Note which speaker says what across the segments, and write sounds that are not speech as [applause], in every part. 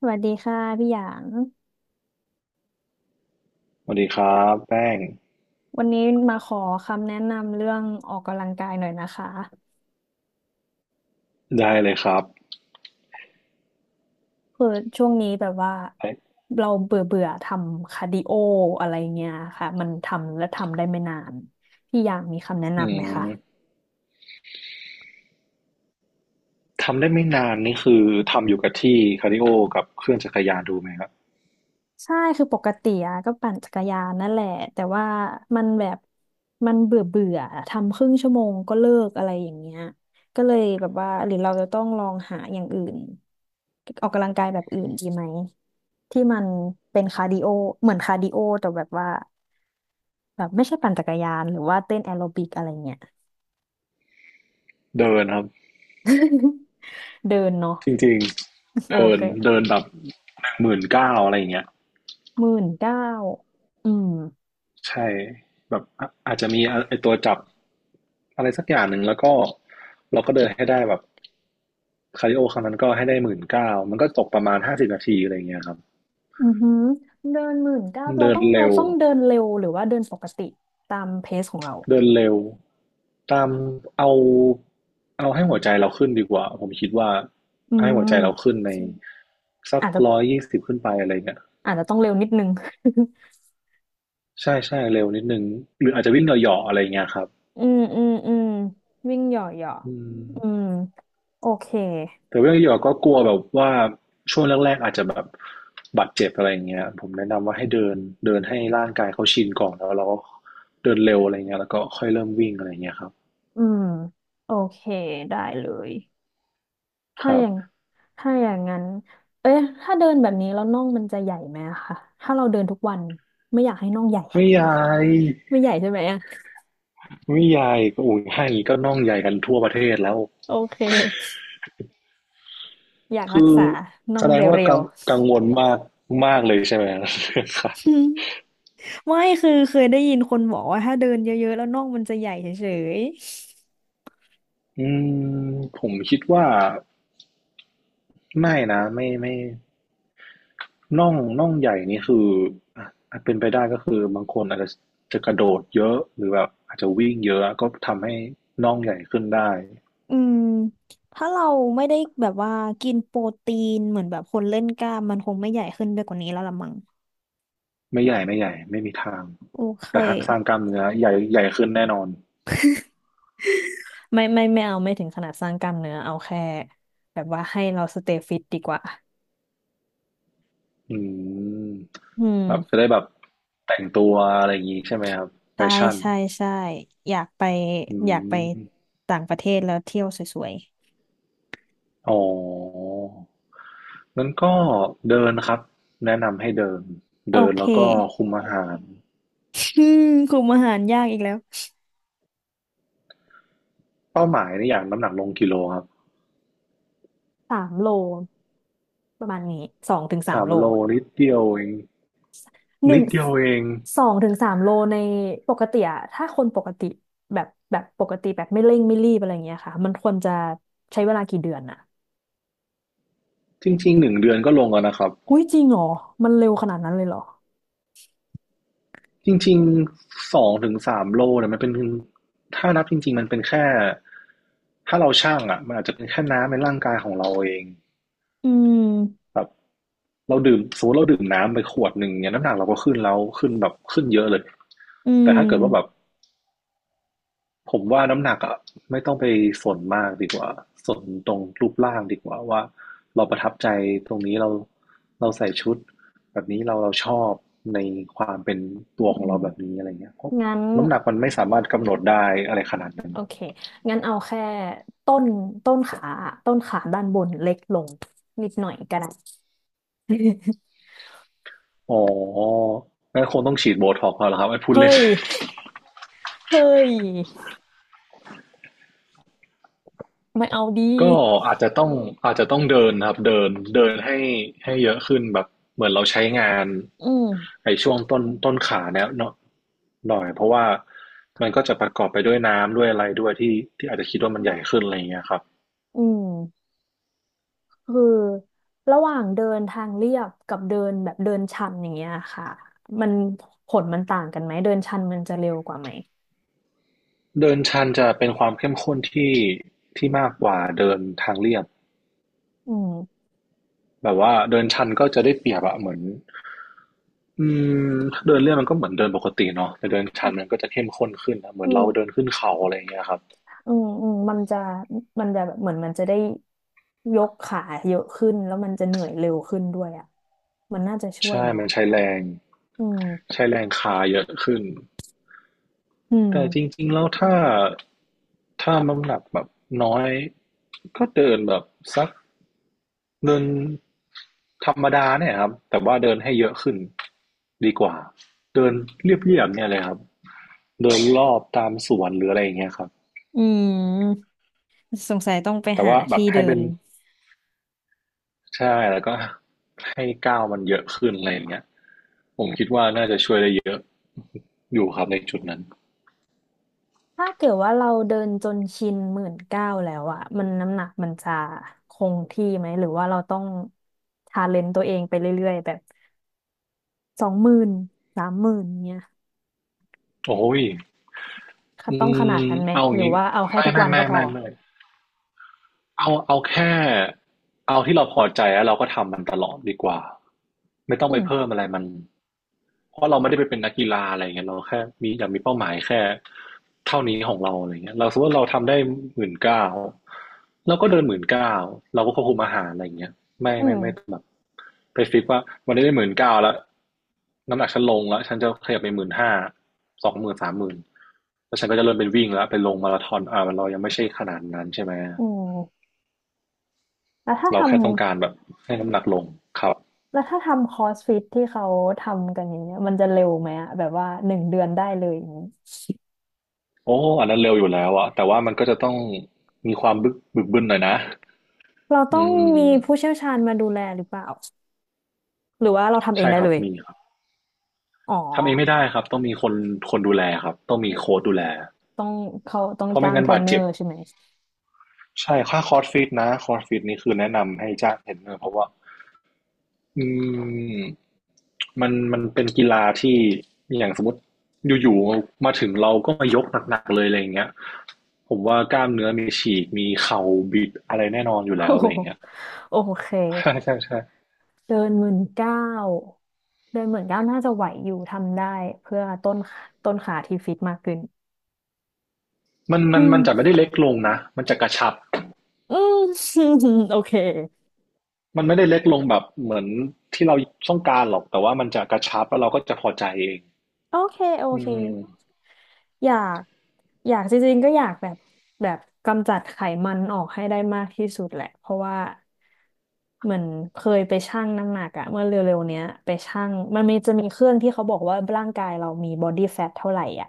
Speaker 1: สวัสดีค่ะพี่หยาง
Speaker 2: สวัสดีครับแป้ง
Speaker 1: วันนี้มาขอคำแนะนำเรื่องออกกำลังกายหน่อยนะคะ
Speaker 2: ได้เลยครับ
Speaker 1: คือช่วงนี้แบบว่า
Speaker 2: ไอ้
Speaker 1: เราเบื่อเบื่อทำคาร์ดิโออะไรเงี้ยค่ะมันทำและทำได้ไม่นานพี่หยางมีคำแนะ
Speaker 2: อื
Speaker 1: นำไหม
Speaker 2: ม
Speaker 1: คะ
Speaker 2: ทำได้ไม่นานนี่คือทำอยู่กับที่คาร์ดิโอกับเครื่องจักรยานดูไหมครับ
Speaker 1: ใช่คือปกติอะก็ปั่นจักรยานนั่นแหละแต่ว่ามันแบบมันเบื่อเบื่อทำครึ่งชั่วโมงก็เลิกอะไรอย่างเงี้ยก็เลยแบบว่าหรือเราจะต้องลองหาอย่างอื่นออกกำลังกายแบบอื่นดีไหมที่มันเป็นคาร์ดิโอเหมือนคาร์ดิโอแต่แบบว่าแบบไม่ใช่ปั่นจักรยานหรือว่าเต้นแอโรบิกอะไรเงี้ย
Speaker 2: เดินครับ
Speaker 1: [laughs] เดินเนาะ
Speaker 2: จริงๆ
Speaker 1: โอ
Speaker 2: เดิน
Speaker 1: เค
Speaker 2: เดินแบบ19,000อะไรอย่างเงี้ย
Speaker 1: 19,000อืม
Speaker 2: ใช่แบบอาจจะมีไอตัวจับอะไรสักอย่างหนึ่งแล้วก็เราก็เดินให้ได้แบบคาร์ดิโอครั้งนั้นก็ให้ได้หมื่นเก้ามันก็ตกประมาณ50 นาทีอะไรอย่างเงี้ยครับ
Speaker 1: อือหือเดิน19,000เรา
Speaker 2: เดิน
Speaker 1: ต้อง
Speaker 2: เร็
Speaker 1: เรา
Speaker 2: ว
Speaker 1: ต้องเดินเร็วหรือว่าเดินปกติตามเพซของเรา
Speaker 2: เดินเร็วตามเอาเอาให้หัวใจเราขึ้นดีกว่าผมคิดว่า
Speaker 1: อื
Speaker 2: ให้หัวใจเรา
Speaker 1: ม
Speaker 2: ขึ้นในสัก
Speaker 1: อาจจะ
Speaker 2: 120ขึ้นไปอะไรเงี้ย
Speaker 1: อาจจะต้องเร็วนิดนึง [laughs]
Speaker 2: ใช่ใช่เร็วนิดนึงหรืออาจจะวิ่งเหยาะๆอะไรเงี้ยครับ
Speaker 1: อืมอืมอืมวิ่งเหย่อเหย่อ
Speaker 2: อืม
Speaker 1: อืมโอเค
Speaker 2: แต่วิ่งเหยาะๆก็กลัวแบบว่าช่วงแรกๆอาจจะแบบบาดเจ็บอะไรเงี้ยผมแนะนำว่าให้เดินเดินให้ร่างกายเขาชินก่อนแล้วเราก็เดินเร็วอะไรเงี้ยแล้วก็ค่อยเริ่มวิ่งอะไรเงี้ยครับ
Speaker 1: อืมโอเคได้เลย
Speaker 2: ค
Speaker 1: ถ้า
Speaker 2: รั
Speaker 1: อ
Speaker 2: บ
Speaker 1: ย่างถ้าอย่างนั้นเอ๊ะถ้าเดินแบบนี้แล้วน่องมันจะใหญ่ไหมอะคะถ้าเราเดินทุกวันไม่อยากให้น่องใหญ่
Speaker 2: ไม่
Speaker 1: อะ
Speaker 2: ยาย
Speaker 1: ไม่ใหญ่ใช่ไหมอะ
Speaker 2: วิยายก็อุ่นให้ก็น่องใหญ่กันทั่วประเทศแล้ว
Speaker 1: โอเคอยากรั
Speaker 2: คื
Speaker 1: ก
Speaker 2: อ
Speaker 1: ษาน่อ
Speaker 2: แส
Speaker 1: ง
Speaker 2: ดงว่า
Speaker 1: เรีย
Speaker 2: กั
Speaker 1: ว
Speaker 2: งกังวลมากมากเลยใช่ไหม [laughs] ค่ะ
Speaker 1: ๆ ไม่คือเคยได้ยินคนบอกว่าถ้าเดินเยอะๆแล้วน่องมันจะใหญ่เฉย
Speaker 2: [laughs] อืมผมคิดว่าไม่นะไม่ไม่น่องใหญ่นี่คืออ่ะอาจเป็นไปได้ก็คือบางคนอาจจะจะกระโดดเยอะหรือแบบอาจจะวิ่งเยอะก็ทำให้น่องใหญ่ขึ้นได้
Speaker 1: ๆอืมถ้าเราไม่ได้แบบว่ากินโปรตีนเหมือนแบบคนเล่นกล้ามมันคงไม่ใหญ่ขึ้นไปกว่านี้แล้วละมั้ง
Speaker 2: ไม่ใหญ่ไม่ใหญ่ไม่มีทาง
Speaker 1: โอเค
Speaker 2: แต่ถ้าสร้างกล้ามเนื้อใหญ่ใหญ่ขึ้นแน่นอน
Speaker 1: ไม่ไม่ไม่เอาไม่ถึงขนาดสร้างกล้ามเนื้อเอาแค่แบบว่าให้เราสเตย์ฟิตดีกว่า
Speaker 2: อืม
Speaker 1: อื
Speaker 2: แบบจะ
Speaker 1: ม
Speaker 2: ได้แบบแต่งตัวอะไรอย่างงี้ใช่ไหมครับแฟ
Speaker 1: ใช่
Speaker 2: ชั่น
Speaker 1: ใช่ใช่อยากไป
Speaker 2: อื
Speaker 1: อยากไป
Speaker 2: ม
Speaker 1: ต่างประเทศแล้วเที่ยวสวย
Speaker 2: อ๋องั้นก็เดินครับแนะนำให้เดิน
Speaker 1: ๆโอ
Speaker 2: เดิน
Speaker 1: เค
Speaker 2: แล้วก็คุมอาหาร
Speaker 1: [laughs] อืมกลุ่มอาหารยากอีกแล้ว
Speaker 2: เป้าหมายในอย่างน้ำหนักลงกิโลครับ
Speaker 1: สามโล ประมาณนี้สองถึงสาม
Speaker 2: สาม
Speaker 1: โล
Speaker 2: โลนิดเดียวเอง
Speaker 1: หนึ่
Speaker 2: นิ
Speaker 1: ง
Speaker 2: ดเดียวเอง
Speaker 1: สองถึงสามโลในปกติอะถ้าคนปกติแบบแบบปกติแบบไม่เร่งไม่รีบอะไรเงี้ยค่ะมันควรจะใช้เวลากี่เดือนอะ
Speaker 2: จริงๆ1 เดือนก็ลงแล้วนะครับ
Speaker 1: อุ้ยจริงเหรอมันเร็วขนาดนั้นเลยเหรอ
Speaker 2: จริงๆ2-3 โลเนี่ยมันเป็นถ้านับจริงๆมันเป็นแค่ถ้าเราช่างมันอาจจะเป็นแค่น้ำในร่างกายของเราเอง
Speaker 1: อืม
Speaker 2: แบบเราดื่มสมมติเราดื่มน้ำไปขวดหนึ่งเนี่ยน้ำหนักเราก็ขึ้นแล้วขึ้นแบบขึ้นเยอะเลย
Speaker 1: อื
Speaker 2: แต่ถ้าเกิดว่าแบบ
Speaker 1: ม
Speaker 2: ผมว่าน้ำหนักไม่ต้องไปสนมากดีกว่าสนตรงรูปร่างดีกว่าว่าเราประทับใจตรงนี้เราเราใส่ชุดแบบนี้เราเราชอบในความเป็นตัว
Speaker 1: อื
Speaker 2: ของ
Speaker 1: ม
Speaker 2: เราแบบนี้อะไรเงี้ยเพราะ
Speaker 1: งั้น
Speaker 2: น้ำหนักมันไม่สามารถกำหนดได้อะไรขนาดนั้น
Speaker 1: โอเคงั้นเอาแค่ต้นต้นขาอะต้นขาด้านบนเล็กลงนิดหน่อยก็ได้ [laughs]
Speaker 2: อ๋องั้นคงต้องฉีดโบท็อกซ์แล้วครับพูด
Speaker 1: เฮ้
Speaker 2: เล่น
Speaker 1: ย
Speaker 2: [laughs]
Speaker 1: เฮ้ยไม่เอาดี
Speaker 2: ก็อาจจะต้องอาจจะต้องเดินครับเดินเดินให้ให้เยอะขึ้นแบบเหมือนเราใช้งาน
Speaker 1: อืม
Speaker 2: ช่วงต้นขาเนี่ยเนาะหน่อยเพราะว่ามันก็จะประกอบไปด้วยน้ำด้วยอะไรด้วยที่ที่อาจจะคิดว่ามันใหญ่ขึ้นอะไรอย่างเงี้ยครับ
Speaker 1: อืม คือระหว่างเดินทางเรียบกับเดินแบบเดินชันอย่างเงี้ยค่ะมันผลมันต่างกันไหมเดินชันมันจะเร็วกว่าไหม
Speaker 2: เดินชันจะเป็นความเข้มข้นที่ที่มากกว่าเดินทางเรียบ
Speaker 1: อืม
Speaker 2: แบบว่าเดินชันก็จะได้เปรียบอะเหมือนอืมเดินเรียบมันก็เหมือนเดินปกติเนาะแต่เดินชันมันก็จะเข้มข้นขึ้นนะเหมื
Speaker 1: อื
Speaker 2: อนเรา
Speaker 1: ม
Speaker 2: เดินขึ้นเขาอะไรอย่างเงี้ยครับ
Speaker 1: อืมอืมมันจะมันจะแบบเหมือนมันจะได้ยกขาเยอะขึ้นแล้วมันจะเหนื่อยเร็วขึ้นด้วยอ่ะมันน่าจะช่วย
Speaker 2: ใช่
Speaker 1: เนาะ
Speaker 2: มันใช้แรง
Speaker 1: อืม
Speaker 2: ใช้แรงคาเยอะขึ้น
Speaker 1: อืม
Speaker 2: แต่จริงๆ แล้วถ้าน้ำหนักแบบน้อยก็เดินแบบสักเดินธรรมดาเนี่ยครับแต่ว่าเดินให้เยอะขึ้นดีกว่า เดินเรียบๆเนี่ยเลยครับเดินรอบตามสวนหรืออะไรอย่างเงี้ยครับ
Speaker 1: อืมสงสัยต้องไป
Speaker 2: แต่
Speaker 1: หา
Speaker 2: ว่าแบ
Speaker 1: ที่
Speaker 2: บ
Speaker 1: เดิ
Speaker 2: ให้เป็
Speaker 1: น
Speaker 2: นใช่แล้วก็ให้ก้าวมันเยอะขึ้นอะไรอย่างเงี้ยผมคิดว่าน่าจะช่วยได้เยอะอยู่ครับในจุดนั้น
Speaker 1: ถ้าเกิดว่าเราเดินจนชินหมื่นเก้าแล้วอะมันน้ำหนักมันจะคงที่ไหมหรือว่าเราต้องชาเลนจ์ตัวเองไปเรื่อยๆแบบ20,000 30,000เนี้ย
Speaker 2: โอ้ยอื
Speaker 1: ต้องขนาด
Speaker 2: ม
Speaker 1: นั้นไหม
Speaker 2: เอาอ
Speaker 1: ห
Speaker 2: ย่าง
Speaker 1: รือ
Speaker 2: นี้
Speaker 1: ว่าเอาแค่
Speaker 2: ไม่
Speaker 1: ทุก
Speaker 2: ไม่
Speaker 1: วัน
Speaker 2: ไม่
Speaker 1: ก็พอ
Speaker 2: ไม่ไม่ เอาแค่เอาที่เราพอใจแล้วเราก็ทำมันตลอดดีกว่าไม่ต้อง
Speaker 1: อื
Speaker 2: ไป
Speaker 1: ม
Speaker 2: เพิ่มอะไรมันเพราะเราไม่ได้ไปเป็นนักกีฬาอะไรเงี้ยเราแค่มีอยากมีเป้าหมายแค่เท่านี้ของเราอะไรเงี้ยเราสมมติว่าเราทำได้หมื่นเก้าเราก็เดินหมื่นเก้าเราก็ควบคุมอาหารอะไรเงี้ยไม่
Speaker 1: อื
Speaker 2: ไม่
Speaker 1: ม
Speaker 2: ไม่ไม่แบบไปฟิกว่าวันนี้ได้หมื่นเก้าแล้วน้ำหนักฉันลงแล้วฉันจะขยับไป15,00020,00030,000แล้วฉันก็จะเริ่มเป็นวิ่งแล้วไปลงมาราธอนอ่ามันเรายังไม่ใช่ขนาดนั้นใช่ไหม
Speaker 1: อืมแล้วถ้าท
Speaker 2: เราแค่ต้องการแบบให้น้ำหนักลงครับ
Speaker 1: แล้วถ้าทำคอสฟิตที่เขาทำกันอย่างเงี้ยมันจะเร็วไหมอะแบบว่า1 เดือนได้เลยอย่างงี้
Speaker 2: โอ้อันนั้นเร็วอยู่แล้วอะแต่ว่ามันก็จะต้องมีความบึนหน่อยนะ
Speaker 1: เราต้อ
Speaker 2: อื
Speaker 1: งมี
Speaker 2: ม
Speaker 1: ผู้เชี่ยวชาญมาดูแลหรือเปล่าหรือว่าเราทำเอง
Speaker 2: ใช่
Speaker 1: ได้
Speaker 2: ครั
Speaker 1: เล
Speaker 2: บ
Speaker 1: ย
Speaker 2: มีครับ
Speaker 1: อ๋อ
Speaker 2: ทำเองไม่ได้ครับต้องมีคนดูแลครับต้องมีโค้ชดูแล
Speaker 1: ต้องเขาต้อง
Speaker 2: เพราะไม่
Speaker 1: จ้าง
Speaker 2: งั้
Speaker 1: เท
Speaker 2: น
Speaker 1: ร
Speaker 2: บา
Speaker 1: น
Speaker 2: ด
Speaker 1: เนอ
Speaker 2: เจ็บ
Speaker 1: ร์ใช่ไหม
Speaker 2: ใช่ค่าคอร์สฟิตนะคอร์สฟิตนี่คือแนะนำให้จ้างเทรนเนอร์เพราะว่า อืมมันเป็นกีฬาที่อย่างสมมติอยู่ๆมาถึงเราก็มายกหนักๆเลยอะไรอย่างเงี้ยผมว่ากล้ามเนื้อมีฉีกมีเข่าบิดอะไรแน่นอนอยู่
Speaker 1: โอ้
Speaker 2: แล้วอะ
Speaker 1: โห
Speaker 2: ไรอย่างเงี้ย [laughs]
Speaker 1: [laughs] โอเค
Speaker 2: ใช่ใช่ใช่
Speaker 1: เดิน19,000เดินหมื่นเก้าน่าจะไหวอยู่ทำได้เพื่อต้นขาที่ฟิตมากขึ้น
Speaker 2: มัน
Speaker 1: อื
Speaker 2: มัน
Speaker 1: ม
Speaker 2: มันจะไม่ได้เล็กลงนะมันจะกระชับ
Speaker 1: [laughs] อืม [laughs] โอเค
Speaker 2: มันไม่ได้เล็กลงแบบเหมือนที่เราต้องการหรอกแต่ว่ามันจะกระชับแล้วเราก็จะพอใจเอง
Speaker 1: โอเคโอ
Speaker 2: อื
Speaker 1: เค
Speaker 2: ม
Speaker 1: อยากอยากจริงๆก็อยากแบบแบบกำจัดไขมันออกให้ได้มากที่สุดแหละเพราะว่าเหมือนเคยไปชั่งน้ำหนักอะเมื่อเร็วๆเนี้ยไปชั่งมันมีจะมีเครื่องที่เขาบอกว่าร่างกายเรามีบอดี้แฟทเท่าไหร่อะ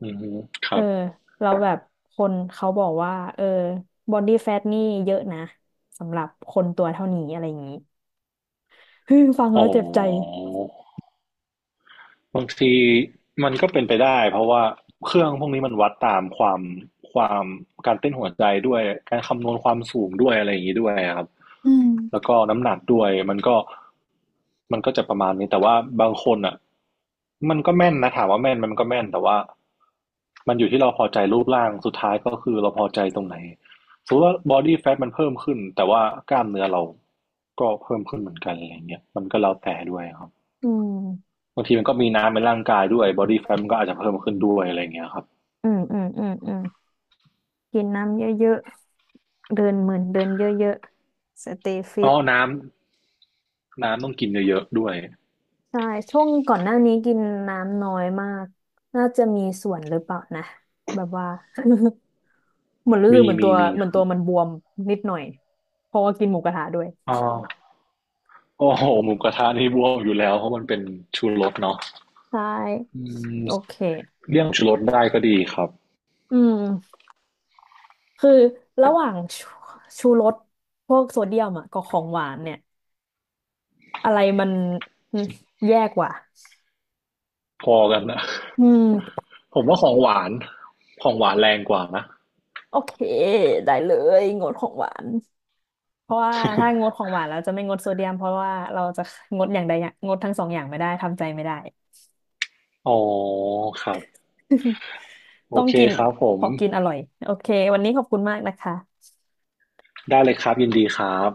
Speaker 2: อืมค
Speaker 1: เอ
Speaker 2: รั
Speaker 1: อ
Speaker 2: บ
Speaker 1: เราแล้วแบบคนเขาบอกว่าเออบอดี้แฟทนี่เยอะนะสำหรับคนตัวเท่านี้อะไรอย่างนี้ [laughs] ฮึมฟัง
Speaker 2: อ๋อ
Speaker 1: แล้วเจ็บใจ
Speaker 2: บางทีมันก็เป็นไปได้เพราะว่าเครื่องพวกนี้มันวัดตามความความการเต้นหัวใจด้วยการคำนวณความสูงด้วยอะไรอย่างนี้ด้วยครับ
Speaker 1: อื
Speaker 2: แล้
Speaker 1: ม
Speaker 2: วก็น้ำหนักด้วยมันก็จะประมาณนี้แต่ว่าบางคนอ่ะมันก็แม่นนะถามว่าแม่นมมันก็แม่นแต่ว่ามันอยู่ที่เราพอใจรูปร่างสุดท้ายก็คือเราพอใจตรงไหนสมมติว่าบอดี้แฟทมันเพิ่มขึ้นแต่ว่ากล้ามเนื้อเราก็เพิ่มขึ้นเหมือนกันอะไรเงี้ยมันก็แล้วแต่ด้วยครับ
Speaker 1: อืม
Speaker 2: บางทีมันก็มีน้ำในร่างกายด้วย body fat มันก็อาจจะเพิ่มขึ้นด้วยอะไรอย่างเงี้ยครับ
Speaker 1: อืมอืมอืมอืมกินน้ำเยอะๆเดินเหมือนเดินเยอะๆสเตย์ฟิ
Speaker 2: อ๋
Speaker 1: ต
Speaker 2: อน้ำต้องกินเยอะๆด้วย
Speaker 1: ใช่ช่วงก่อนหน้านี้กินน้ำน้อยมากน่าจะมีส่วนหรือเปล่านะแบบว่า [laughs] เหมือนรู้สึกเหมือนตัว
Speaker 2: มี
Speaker 1: เหมือ
Speaker 2: ค
Speaker 1: น
Speaker 2: รั
Speaker 1: ตั
Speaker 2: บ
Speaker 1: วมันบวมนิดหน่อยเพราะว่ากินหมูกระทะด้วย
Speaker 2: อ๋อโอ้โหหมูกระทะนี่บวมอยู่แล้วเพราะมันเป็นชูรสเนาะ
Speaker 1: ใช
Speaker 2: อื
Speaker 1: ่
Speaker 2: ม
Speaker 1: โอเค
Speaker 2: เลี่ยงชูรสได้ก็ดีครับ
Speaker 1: อืม คือระหว่างชูรสพวกโซเดียมอ่ะกับของหวานเนี่ยอะไรมันอืมแยกกว่า
Speaker 2: พอกันนะ
Speaker 1: อืม
Speaker 2: ผมว่าของหวานแรงกว่านะ
Speaker 1: โอเคได้เลยงดของหวานเพราะว่าถ้างดของหวานเราจะไม่งดโซเดียมเพราะว่าเราจะงดอย่างใดอย่างงดทั้งสองอย่างไม่ได้ทำใจไม่ได้
Speaker 2: อ๋อครับ
Speaker 1: [laughs]
Speaker 2: โอ
Speaker 1: ต้อง
Speaker 2: เค
Speaker 1: กิน
Speaker 2: ครับผ
Speaker 1: ข
Speaker 2: ม
Speaker 1: อกินอร่อยโอเควันนี้ขอบคุณมากนะคะ
Speaker 2: ได้เลยครับยินดีครับ